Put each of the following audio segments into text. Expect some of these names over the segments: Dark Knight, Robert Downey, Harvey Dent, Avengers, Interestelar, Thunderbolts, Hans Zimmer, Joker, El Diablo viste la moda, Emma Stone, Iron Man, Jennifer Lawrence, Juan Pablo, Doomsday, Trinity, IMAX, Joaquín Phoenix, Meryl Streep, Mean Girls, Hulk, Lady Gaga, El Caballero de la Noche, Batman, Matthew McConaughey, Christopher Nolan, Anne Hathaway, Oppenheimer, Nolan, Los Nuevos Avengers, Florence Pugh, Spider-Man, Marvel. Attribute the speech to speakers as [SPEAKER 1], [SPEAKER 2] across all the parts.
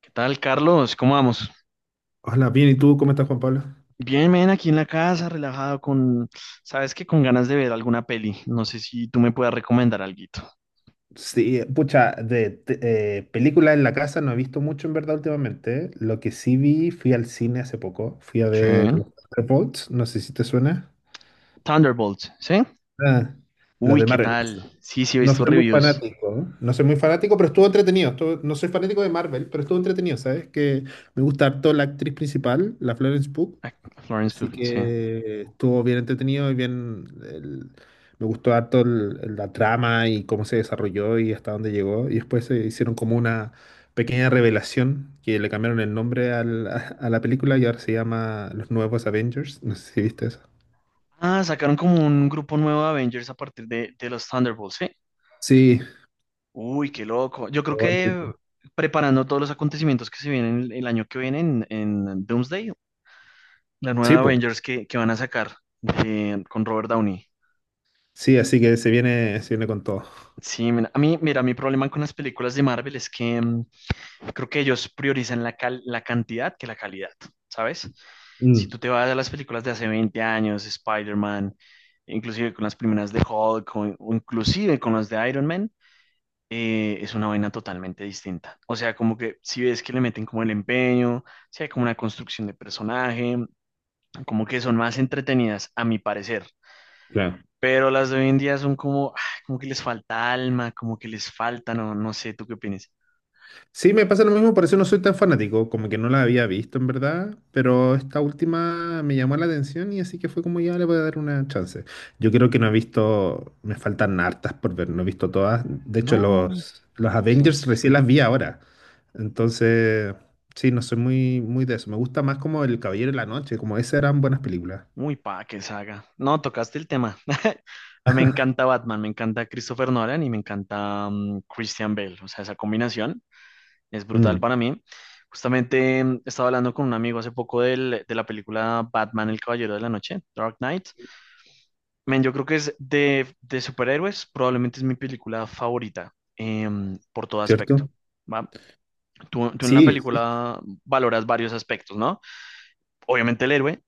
[SPEAKER 1] ¿Qué tal, Carlos? ¿Cómo vamos?
[SPEAKER 2] Hola, bien, ¿y tú cómo estás, Juan Pablo?
[SPEAKER 1] Bien, ven aquí en la casa, relajado con, sabes que con ganas de ver alguna peli. No sé si tú me puedas recomendar alguito.
[SPEAKER 2] Sí, pucha, películas en la casa no he visto mucho en verdad últimamente. ¿Eh? Lo que sí vi, fui al cine hace poco. Fui a
[SPEAKER 1] Sí.
[SPEAKER 2] ver los Thunderbolts, no sé si te suena.
[SPEAKER 1] Thunderbolts, ¿sí?
[SPEAKER 2] Ah, las
[SPEAKER 1] Uy,
[SPEAKER 2] de
[SPEAKER 1] ¿qué
[SPEAKER 2] Marvel.
[SPEAKER 1] tal? Sí, sí, he
[SPEAKER 2] No,
[SPEAKER 1] visto
[SPEAKER 2] soy no muy
[SPEAKER 1] reviews.
[SPEAKER 2] fanático, ¿eh? No soy muy fanático, pero estuvo entretenido. No soy fanático de Marvel, pero estuvo entretenido, ¿sabes? Que me gusta harto la actriz principal, la Florence Pugh.
[SPEAKER 1] Ah, Florence
[SPEAKER 2] Así
[SPEAKER 1] Pugh, sí.
[SPEAKER 2] que estuvo bien entretenido y bien. Me gustó harto la trama y cómo se desarrolló y hasta dónde llegó. Y después se hicieron como una pequeña revelación que le cambiaron el nombre a la película y ahora se llama Los Nuevos Avengers. No sé si viste eso.
[SPEAKER 1] Ah, sacaron como un grupo nuevo de Avengers a partir de los Thunderbolts, ¿sí?
[SPEAKER 2] Sí.
[SPEAKER 1] Uy, qué loco. Yo creo que preparando todos los acontecimientos que se vienen el año que viene en Doomsday, la
[SPEAKER 2] Sí,
[SPEAKER 1] nueva
[SPEAKER 2] pues.
[SPEAKER 1] Avengers que van a sacar con Robert Downey.
[SPEAKER 2] Sí, así que se viene con todo.
[SPEAKER 1] Sí, mira, a mí, mira, mi problema con las películas de Marvel es que creo que ellos priorizan la, la cantidad que la calidad, ¿sabes? Si
[SPEAKER 2] Mm,
[SPEAKER 1] tú te vas a las películas de hace 20 años, Spider-Man, inclusive con las primeras de Hulk o inclusive con las de Iron Man, es una vaina totalmente distinta. O sea, como que si ves que le meten como el empeño, si hay como una construcción de personaje, como que son más entretenidas, a mi parecer.
[SPEAKER 2] claro.
[SPEAKER 1] Pero las de hoy en día son como, como que les falta alma, como que les falta, no, no sé, ¿tú qué opinas?
[SPEAKER 2] Sí, me pasa lo mismo, por eso no soy tan fanático, como que no la había visto en verdad, pero esta última me llamó la atención y así que fue como ya le voy a dar una chance. Yo creo que no he visto, me faltan hartas por ver, no he visto todas. De hecho,
[SPEAKER 1] No,
[SPEAKER 2] los
[SPEAKER 1] sí,
[SPEAKER 2] Avengers recién las vi ahora. Entonces, sí, no soy muy, muy de eso. Me gusta más como El Caballero de la Noche, como esas eran buenas películas.
[SPEAKER 1] muy pa' que saga. No, tocaste el tema. A mí Me encanta Batman, me encanta Christopher Nolan y me encanta Christian Bale. O sea, esa combinación es brutal
[SPEAKER 2] Mm,
[SPEAKER 1] para mí. Justamente estaba hablando con un amigo hace poco de la película Batman, el Caballero de la Noche, Dark Knight. Men, yo creo que es de superhéroes, probablemente es mi película favorita por todo aspecto.
[SPEAKER 2] ¿cierto?
[SPEAKER 1] ¿Va? Tú en una
[SPEAKER 2] Sí,
[SPEAKER 1] película valoras varios aspectos, ¿no? Obviamente el héroe,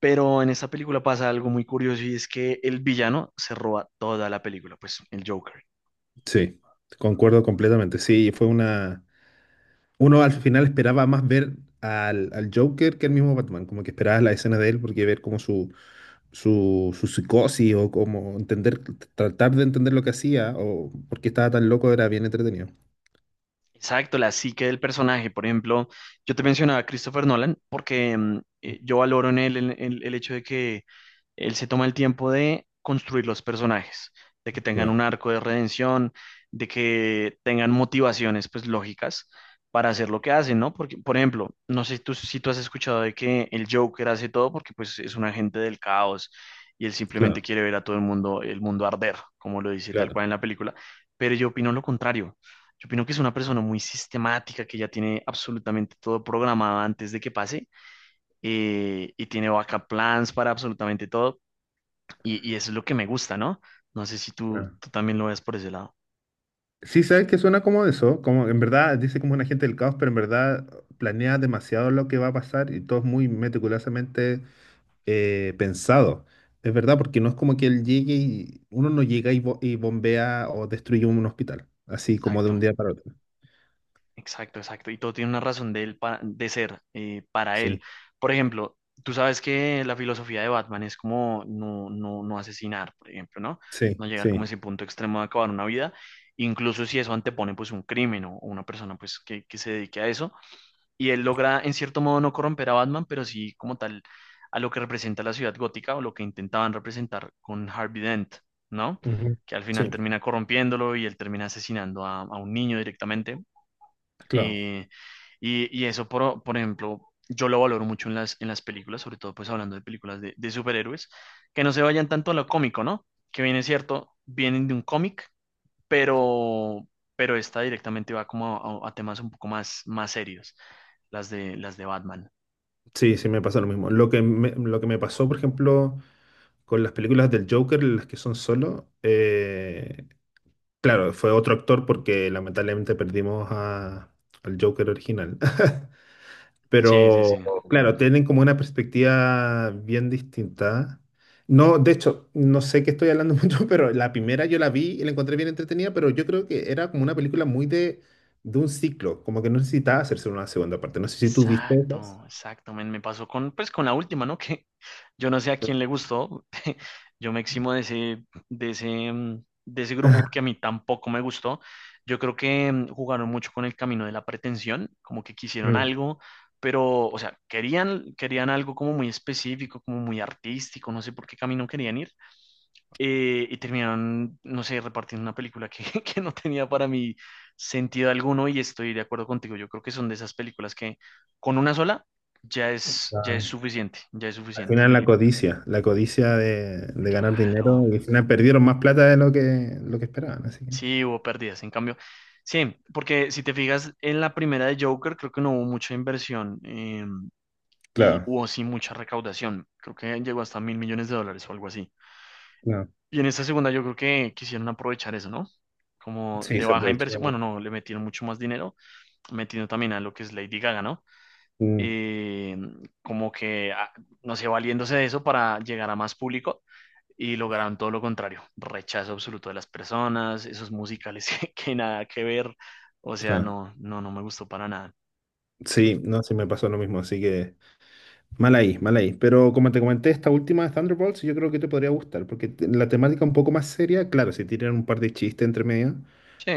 [SPEAKER 1] pero en esta película pasa algo muy curioso y es que el villano se roba toda la película, pues el Joker.
[SPEAKER 2] sí, concuerdo completamente. Sí, fue una. Uno al final esperaba más ver al Joker que al mismo Batman, como que esperabas la escena de él porque ver como su psicosis o como entender, tratar de entender lo que hacía o por qué estaba tan loco era bien entretenido.
[SPEAKER 1] Exacto, la psique del personaje. Por ejemplo, yo te mencionaba a Christopher Nolan porque yo valoro en él el, el hecho de que Él se toma el tiempo de construir los personajes, de que tengan
[SPEAKER 2] Claro,
[SPEAKER 1] un arco de redención, de que tengan motivaciones pues lógicas para hacer lo que hacen, ¿no? Porque, por ejemplo, no sé si tú, si tú has escuchado de que el Joker hace todo porque pues es un agente del caos y él simplemente
[SPEAKER 2] claro,
[SPEAKER 1] quiere ver a todo el mundo arder, como lo dice tal
[SPEAKER 2] claro.
[SPEAKER 1] cual en la película, pero yo opino lo contrario. Yo opino que es una persona muy sistemática, que ya tiene absolutamente todo programado antes de que pase y tiene backup plans para absolutamente todo, y eso es lo que me gusta, ¿no? No sé si tú,
[SPEAKER 2] Claro.
[SPEAKER 1] tú también lo ves por ese lado.
[SPEAKER 2] Sí, sabes que suena como eso, como en verdad dice como un agente del caos, pero en verdad planea demasiado lo que va a pasar y todo es muy meticulosamente pensado. Es verdad, porque no es como que él llegue y uno no llega y bombea o destruye un hospital, así como de un
[SPEAKER 1] Exacto,
[SPEAKER 2] día para otro.
[SPEAKER 1] exacto, exacto. Y todo tiene una razón de, él de ser para él.
[SPEAKER 2] Sí,
[SPEAKER 1] Por ejemplo, tú sabes que la filosofía de Batman es como no, no, no asesinar, por ejemplo, ¿no?
[SPEAKER 2] sí,
[SPEAKER 1] No llegar
[SPEAKER 2] sí.
[SPEAKER 1] como a ese punto extremo de acabar una vida, incluso si eso antepone pues un crimen o una persona pues que se dedique a eso y él logra en cierto modo no corromper a Batman, pero sí como tal a lo que representa la ciudad gótica o lo que intentaban representar con Harvey Dent, ¿no?
[SPEAKER 2] Ujú.
[SPEAKER 1] Que al final
[SPEAKER 2] Sí,
[SPEAKER 1] termina corrompiéndolo y él termina asesinando a un niño directamente.
[SPEAKER 2] claro.
[SPEAKER 1] Eh, y eso, por ejemplo, yo lo valoro mucho en las películas, sobre todo pues hablando de películas de superhéroes, que no se vayan tanto a lo cómico, ¿no? Que bien es cierto, vienen de un cómic, pero, pero esta directamente va como a, a temas un poco más, más serios las de Batman.
[SPEAKER 2] Sí, sí, me pasa lo mismo. Lo que me pasó, por ejemplo, con las películas del Joker, las que son solo, claro, fue otro actor porque lamentablemente perdimos al Joker original.
[SPEAKER 1] Sí, sí,
[SPEAKER 2] Pero,
[SPEAKER 1] sí.
[SPEAKER 2] claro, tienen como una perspectiva bien distinta. No, de hecho, no sé qué estoy hablando mucho, pero la primera yo la vi y la encontré bien entretenida, pero yo creo que era como una película muy de un ciclo, como que no necesitaba hacerse una segunda parte. No sé si tú viste esas.
[SPEAKER 1] Exacto, exacto. Men, me, pasó con, pues, con la última, ¿no? Que yo no sé a quién le gustó. Yo me eximo de ese, de ese, de ese grupo porque a mí tampoco me gustó. Yo creo que jugaron mucho con el camino de la pretensión, como que quisieron
[SPEAKER 2] Mm.
[SPEAKER 1] algo, pero, o sea, querían, querían algo como muy específico, como muy artístico, no sé por qué camino querían ir, y terminaron, no sé, repartiendo una película que, que no tenía para mí sentido alguno y estoy de acuerdo contigo. Yo creo que son de esas películas que con una sola ya es
[SPEAKER 2] Ah,
[SPEAKER 1] suficiente, ya es
[SPEAKER 2] al
[SPEAKER 1] suficiente.
[SPEAKER 2] final la codicia de ganar dinero,
[SPEAKER 1] Claro,
[SPEAKER 2] y al final perdieron más plata de lo que esperaban, así que.
[SPEAKER 1] sí, hubo pérdidas. En cambio, sí, porque si te fijas en la primera de Joker, creo que no hubo mucha inversión y
[SPEAKER 2] Claro,
[SPEAKER 1] hubo sí mucha recaudación. Creo que llegó hasta $1.000 millones o algo así.
[SPEAKER 2] claro.
[SPEAKER 1] Y en esta segunda yo creo que quisieron aprovechar eso, ¿no? Como
[SPEAKER 2] Sí,
[SPEAKER 1] de
[SPEAKER 2] se
[SPEAKER 1] baja
[SPEAKER 2] aprovechó.
[SPEAKER 1] inversión, bueno, no, le metieron mucho más dinero metiendo también a lo que es Lady Gaga, ¿no?
[SPEAKER 2] Mm,
[SPEAKER 1] Eh, como que, no sé, valiéndose de eso para llegar a más público y lograron todo lo contrario, rechazo absoluto de las personas, esos musicales que nada que ver, o sea,
[SPEAKER 2] claro.
[SPEAKER 1] no, no, no me gustó para nada.
[SPEAKER 2] Sí, no, sí me pasó lo mismo, así que. Mal ahí, mal ahí. Pero como te comenté, esta última de Thunderbolts yo creo que te podría gustar, porque la temática un poco más seria, claro, si tiran un par de chistes entre medio,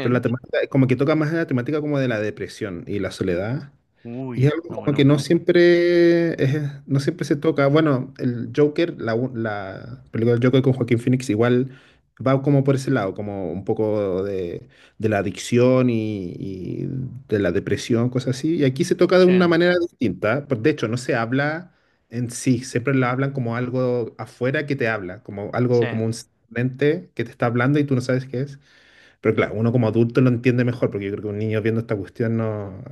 [SPEAKER 2] pero la temática, como que toca más la temática como de la depresión y la soledad.
[SPEAKER 1] uy,
[SPEAKER 2] Y es algo
[SPEAKER 1] está
[SPEAKER 2] como que
[SPEAKER 1] bueno,
[SPEAKER 2] no siempre, no siempre se toca. Bueno, el Joker, la película del Joker con Joaquín Phoenix igual va como por ese lado, como un poco de la adicción y de la depresión, cosas así. Y aquí se toca de una
[SPEAKER 1] Chen,
[SPEAKER 2] manera distinta. Pues, de hecho, no se habla en sí, siempre la hablan como algo afuera que te habla, como algo como
[SPEAKER 1] Chen.
[SPEAKER 2] un ente que te está hablando y tú no sabes qué es. Pero claro, uno como adulto lo entiende mejor, porque yo creo que un niño viendo esta cuestión no.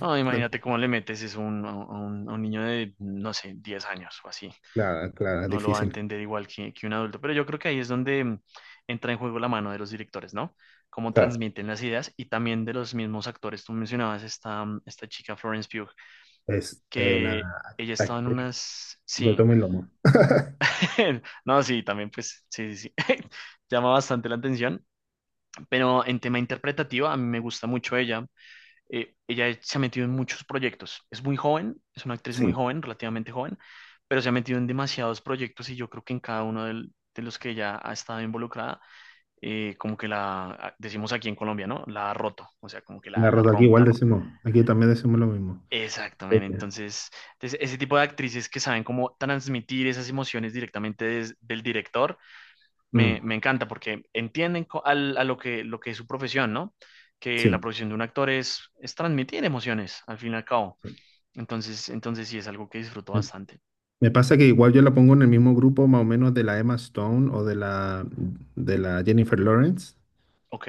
[SPEAKER 1] No,
[SPEAKER 2] No.
[SPEAKER 1] imagínate cómo le metes es un, a un, a un niño de, no sé, 10 años o así.
[SPEAKER 2] Claro, claro, es
[SPEAKER 1] No lo va a
[SPEAKER 2] difícil.
[SPEAKER 1] entender igual que un adulto. Pero yo creo que ahí es donde entra en juego la mano de los directores, ¿no? Cómo
[SPEAKER 2] Claro,
[SPEAKER 1] transmiten las ideas y también de los mismos actores. Tú mencionabas esta, esta chica Florence Pugh,
[SPEAKER 2] es una
[SPEAKER 1] que ella estaba en
[SPEAKER 2] actriz
[SPEAKER 1] unas...
[SPEAKER 2] de
[SPEAKER 1] Sí,
[SPEAKER 2] tomo y lomo.
[SPEAKER 1] no, sí, también pues, sí, sí, sí. Llama bastante la atención, pero en tema interpretativo a mí me gusta mucho ella. Ella se ha metido en muchos proyectos. Es muy joven, es una actriz muy
[SPEAKER 2] Sí,
[SPEAKER 1] joven, relativamente joven, pero se ha metido en demasiados proyectos y yo creo que en cada uno de los que ella ha estado involucrada, como que la, decimos aquí en Colombia, ¿no? La ha roto, o sea, como que la,
[SPEAKER 2] la
[SPEAKER 1] la
[SPEAKER 2] rota aquí igual
[SPEAKER 1] rompe.
[SPEAKER 2] decimos, aquí también decimos lo mismo. Eh,
[SPEAKER 1] Exactamente, entonces, entonces, ese tipo de actrices que saben cómo transmitir esas emociones directamente del director,
[SPEAKER 2] mm,
[SPEAKER 1] me encanta porque entienden a lo que es su profesión, ¿no? Que la
[SPEAKER 2] sí,
[SPEAKER 1] profesión de un actor es transmitir emociones, al fin y al cabo.
[SPEAKER 2] sí.
[SPEAKER 1] Entonces, entonces sí es algo que disfruto
[SPEAKER 2] Me,
[SPEAKER 1] bastante.
[SPEAKER 2] me pasa que igual yo la pongo en el mismo grupo más o menos de la Emma Stone o de la Jennifer Lawrence.
[SPEAKER 1] Ok.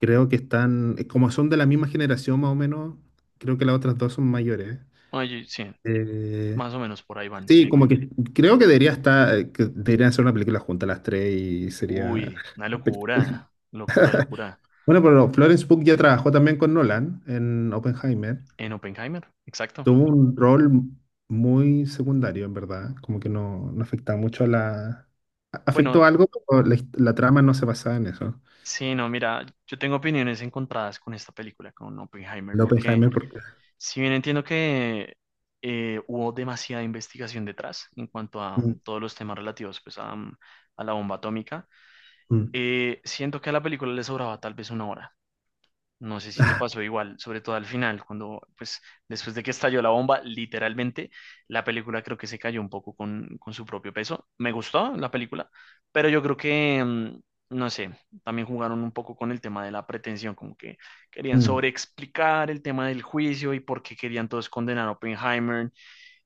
[SPEAKER 2] Creo que están, como son de la misma generación más o menos, creo que las otras dos son mayores.
[SPEAKER 1] Oye, sí,
[SPEAKER 2] Eh,
[SPEAKER 1] más o menos por ahí van, sí.
[SPEAKER 2] sí, como que creo que debería estar, que deberían hacer una película juntas las tres y sería.
[SPEAKER 1] Uy, una locura, locura, locura.
[SPEAKER 2] Bueno, pero Florence Pugh ya trabajó también con Nolan en Oppenheimer.
[SPEAKER 1] En Oppenheimer, exacto.
[SPEAKER 2] Tuvo un rol muy secundario, en verdad. Como que no, no afectaba mucho a la. Afectó
[SPEAKER 1] Bueno,
[SPEAKER 2] algo, pero la trama no se basaba en eso.
[SPEAKER 1] sí, no, mira, yo tengo opiniones encontradas con esta película, con Oppenheimer,
[SPEAKER 2] El
[SPEAKER 1] porque
[SPEAKER 2] Oppenheimer, porque.
[SPEAKER 1] si bien entiendo que hubo demasiada investigación detrás en cuanto a
[SPEAKER 2] Mm,
[SPEAKER 1] todos los temas relativos pues, a, a la bomba atómica,
[SPEAKER 2] mm,
[SPEAKER 1] siento que a la película le sobraba tal vez una hora. No sé si te pasó igual, sobre todo al final, cuando, pues, después de que estalló la bomba, literalmente, la película creo que se cayó un poco con su propio peso. Me gustó la película, pero yo creo que, no sé, también jugaron un poco con el tema de la pretensión, como que querían
[SPEAKER 2] mm,
[SPEAKER 1] sobreexplicar el tema del juicio y por qué querían todos condenar a Oppenheimer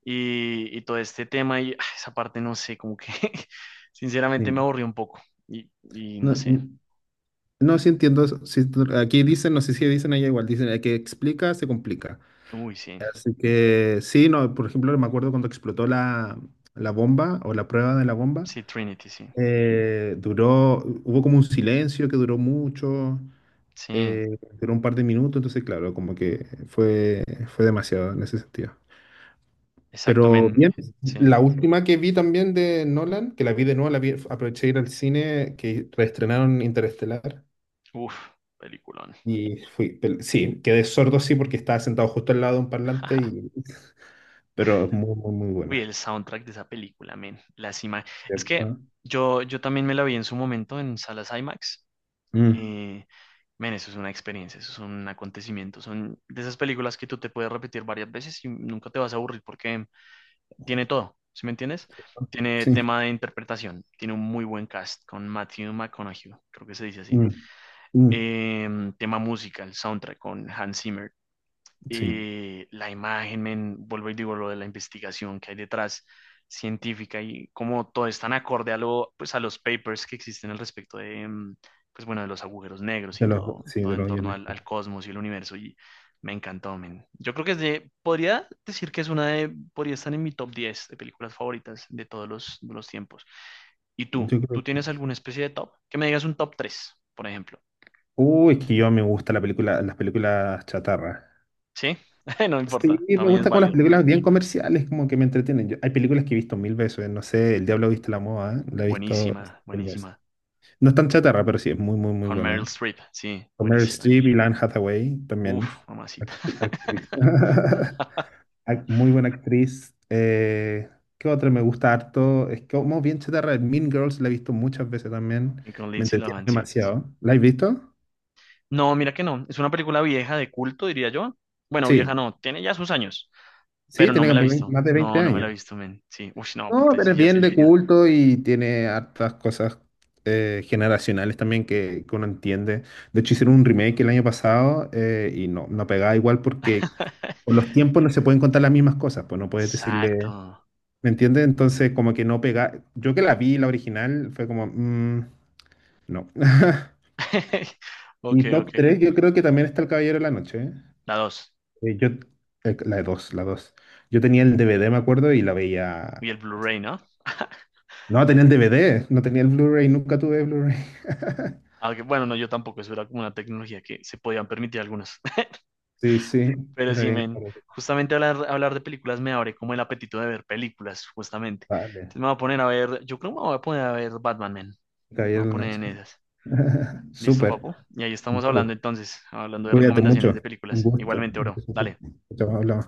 [SPEAKER 1] y todo este tema. Y esa parte, no sé, como que, sinceramente, me
[SPEAKER 2] sí.
[SPEAKER 1] aburrió un poco. Y
[SPEAKER 2] No,
[SPEAKER 1] no sé,
[SPEAKER 2] mm, no, sí entiendo. Sí, aquí dicen, no sé si dicen allá igual, dicen, el que explica, se complica.
[SPEAKER 1] uy, sí,
[SPEAKER 2] Así que sí, no, por ejemplo, me acuerdo cuando explotó la bomba o la prueba de la bomba.
[SPEAKER 1] sí, Trinity, sí,
[SPEAKER 2] Duró, hubo como un silencio que duró mucho,
[SPEAKER 1] sí.
[SPEAKER 2] duró un par de minutos, entonces claro, como que fue demasiado en ese sentido.
[SPEAKER 1] Exacto,
[SPEAKER 2] Pero
[SPEAKER 1] men.
[SPEAKER 2] bien,
[SPEAKER 1] Sí.
[SPEAKER 2] la última que vi también de Nolan, que la vi de nuevo, la vi, aproveché de ir al cine, que reestrenaron Interestelar.
[SPEAKER 1] Uf, peliculón.
[SPEAKER 2] Y fui, sí, quedé sordo sí porque estaba sentado justo al lado de un parlante, y, pero es muy, muy, muy
[SPEAKER 1] Uy, el
[SPEAKER 2] buena.
[SPEAKER 1] soundtrack de esa película, men. Las ima- Es que
[SPEAKER 2] ¿Cierto?
[SPEAKER 1] yo también me la vi en su momento en salas IMAX.
[SPEAKER 2] Mm,
[SPEAKER 1] Eh, men, eso es una experiencia, eso es un acontecimiento. Son de esas películas que tú te puedes repetir varias veces y nunca te vas a aburrir porque tiene todo, ¿sí me entiendes? Tiene
[SPEAKER 2] sí,
[SPEAKER 1] tema de interpretación, tiene un muy buen cast con Matthew McConaughey, creo que se dice así.
[SPEAKER 2] mm, mm,
[SPEAKER 1] Eh, tema música, el soundtrack con Hans Zimmer.
[SPEAKER 2] sí,
[SPEAKER 1] Eh, la imagen, men, vuelvo y digo lo de la investigación que hay detrás científica y cómo todo es tan acorde a lo, pues a los papers que existen al respecto de, pues bueno, de los agujeros negros y todo,
[SPEAKER 2] sí,
[SPEAKER 1] todo
[SPEAKER 2] de
[SPEAKER 1] en
[SPEAKER 2] los
[SPEAKER 1] torno
[SPEAKER 2] guiones.
[SPEAKER 1] al, al cosmos y el universo y me encantó, men. Yo creo que es de, podría decir que es una de, podría estar en mi top 10 de películas favoritas de todos los, de los tiempos. ¿Y tú?
[SPEAKER 2] Yo
[SPEAKER 1] ¿Tú
[SPEAKER 2] creo que
[SPEAKER 1] tienes
[SPEAKER 2] es.
[SPEAKER 1] alguna especie de top? Que me digas un top 3 por ejemplo.
[SPEAKER 2] Uy, es que yo me gusta la película, las películas chatarra.
[SPEAKER 1] ¿Sí? No
[SPEAKER 2] Sí,
[SPEAKER 1] importa,
[SPEAKER 2] me
[SPEAKER 1] también es
[SPEAKER 2] gusta como las
[SPEAKER 1] válido.
[SPEAKER 2] películas bien comerciales, como que me entretienen. Hay películas que he visto mil veces, no sé, El Diablo viste la moda, la he visto
[SPEAKER 1] Buenísima,
[SPEAKER 2] mil veces.
[SPEAKER 1] buenísima.
[SPEAKER 2] No es tan chatarra, pero sí, es muy, muy, muy
[SPEAKER 1] Con Meryl
[SPEAKER 2] buena.
[SPEAKER 1] Streep, sí,
[SPEAKER 2] Con Meryl
[SPEAKER 1] buenísima.
[SPEAKER 2] Streep y Anne Hathaway también.
[SPEAKER 1] Uf, mamacita.
[SPEAKER 2] Actriz. Muy buena actriz. ¿Qué otra me gusta harto? Es como bien chatarra. Mean Girls la he visto muchas veces también.
[SPEAKER 1] Y con
[SPEAKER 2] Me
[SPEAKER 1] Lindsay
[SPEAKER 2] entretiene
[SPEAKER 1] Lohan, sí, sí, sí.
[SPEAKER 2] demasiado. ¿La has visto?
[SPEAKER 1] No, mira que no. Es una película vieja de culto, diría yo. Bueno, vieja
[SPEAKER 2] Sí.
[SPEAKER 1] no, tiene ya sus años,
[SPEAKER 2] Sí,
[SPEAKER 1] pero no
[SPEAKER 2] tiene
[SPEAKER 1] me la he
[SPEAKER 2] como
[SPEAKER 1] visto.
[SPEAKER 2] más de 20
[SPEAKER 1] No, no me la he
[SPEAKER 2] años.
[SPEAKER 1] visto, men. Sí, uf, no, pues
[SPEAKER 2] No,
[SPEAKER 1] entonces
[SPEAKER 2] pero
[SPEAKER 1] sí
[SPEAKER 2] es
[SPEAKER 1] ya es
[SPEAKER 2] bien de
[SPEAKER 1] viejita.
[SPEAKER 2] culto y tiene hartas cosas generacionales también que uno entiende. De hecho, hicieron un remake el año pasado y no, no pegaba igual porque con los tiempos no se pueden contar las mismas cosas, pues no puedes
[SPEAKER 1] Exacto.
[SPEAKER 2] decirle, ¿me entiendes? Entonces, como que no pega. Yo que la vi, la original, fue como, mm, no.
[SPEAKER 1] Ok,
[SPEAKER 2] Y top
[SPEAKER 1] ok.
[SPEAKER 2] 3, yo creo que también está El Caballero de la Noche. ¿Eh?
[SPEAKER 1] La dos.
[SPEAKER 2] Yo, la 2, la 2. Yo tenía el DVD, me acuerdo, y la veía.
[SPEAKER 1] Y el Blu-ray, ¿no?
[SPEAKER 2] No, tenía el DVD, no tenía el Blu-ray, nunca tuve Blu-ray.
[SPEAKER 1] Aunque, bueno, no, yo tampoco. Eso era como una tecnología que se podían permitir algunos.
[SPEAKER 2] Sí, sí,
[SPEAKER 1] Pero
[SPEAKER 2] era
[SPEAKER 1] sí,
[SPEAKER 2] bien
[SPEAKER 1] men,
[SPEAKER 2] caro.
[SPEAKER 1] justamente hablar, hablar de películas me abre como el apetito de ver películas, justamente.
[SPEAKER 2] Vale,
[SPEAKER 1] Entonces me voy a poner a ver, yo creo que me voy a poner a ver Batman, men. Me voy a
[SPEAKER 2] Caballero de la
[SPEAKER 1] poner en
[SPEAKER 2] Noche.
[SPEAKER 1] esas. ¿Listo,
[SPEAKER 2] Súper,
[SPEAKER 1] papu? Y ahí estamos hablando
[SPEAKER 2] vamos,
[SPEAKER 1] entonces, hablando de
[SPEAKER 2] cuídate
[SPEAKER 1] recomendaciones
[SPEAKER 2] mucho.
[SPEAKER 1] de
[SPEAKER 2] Un
[SPEAKER 1] películas.
[SPEAKER 2] gusto.
[SPEAKER 1] Igualmente, bro. Dale.
[SPEAKER 2] Chao, hablamos.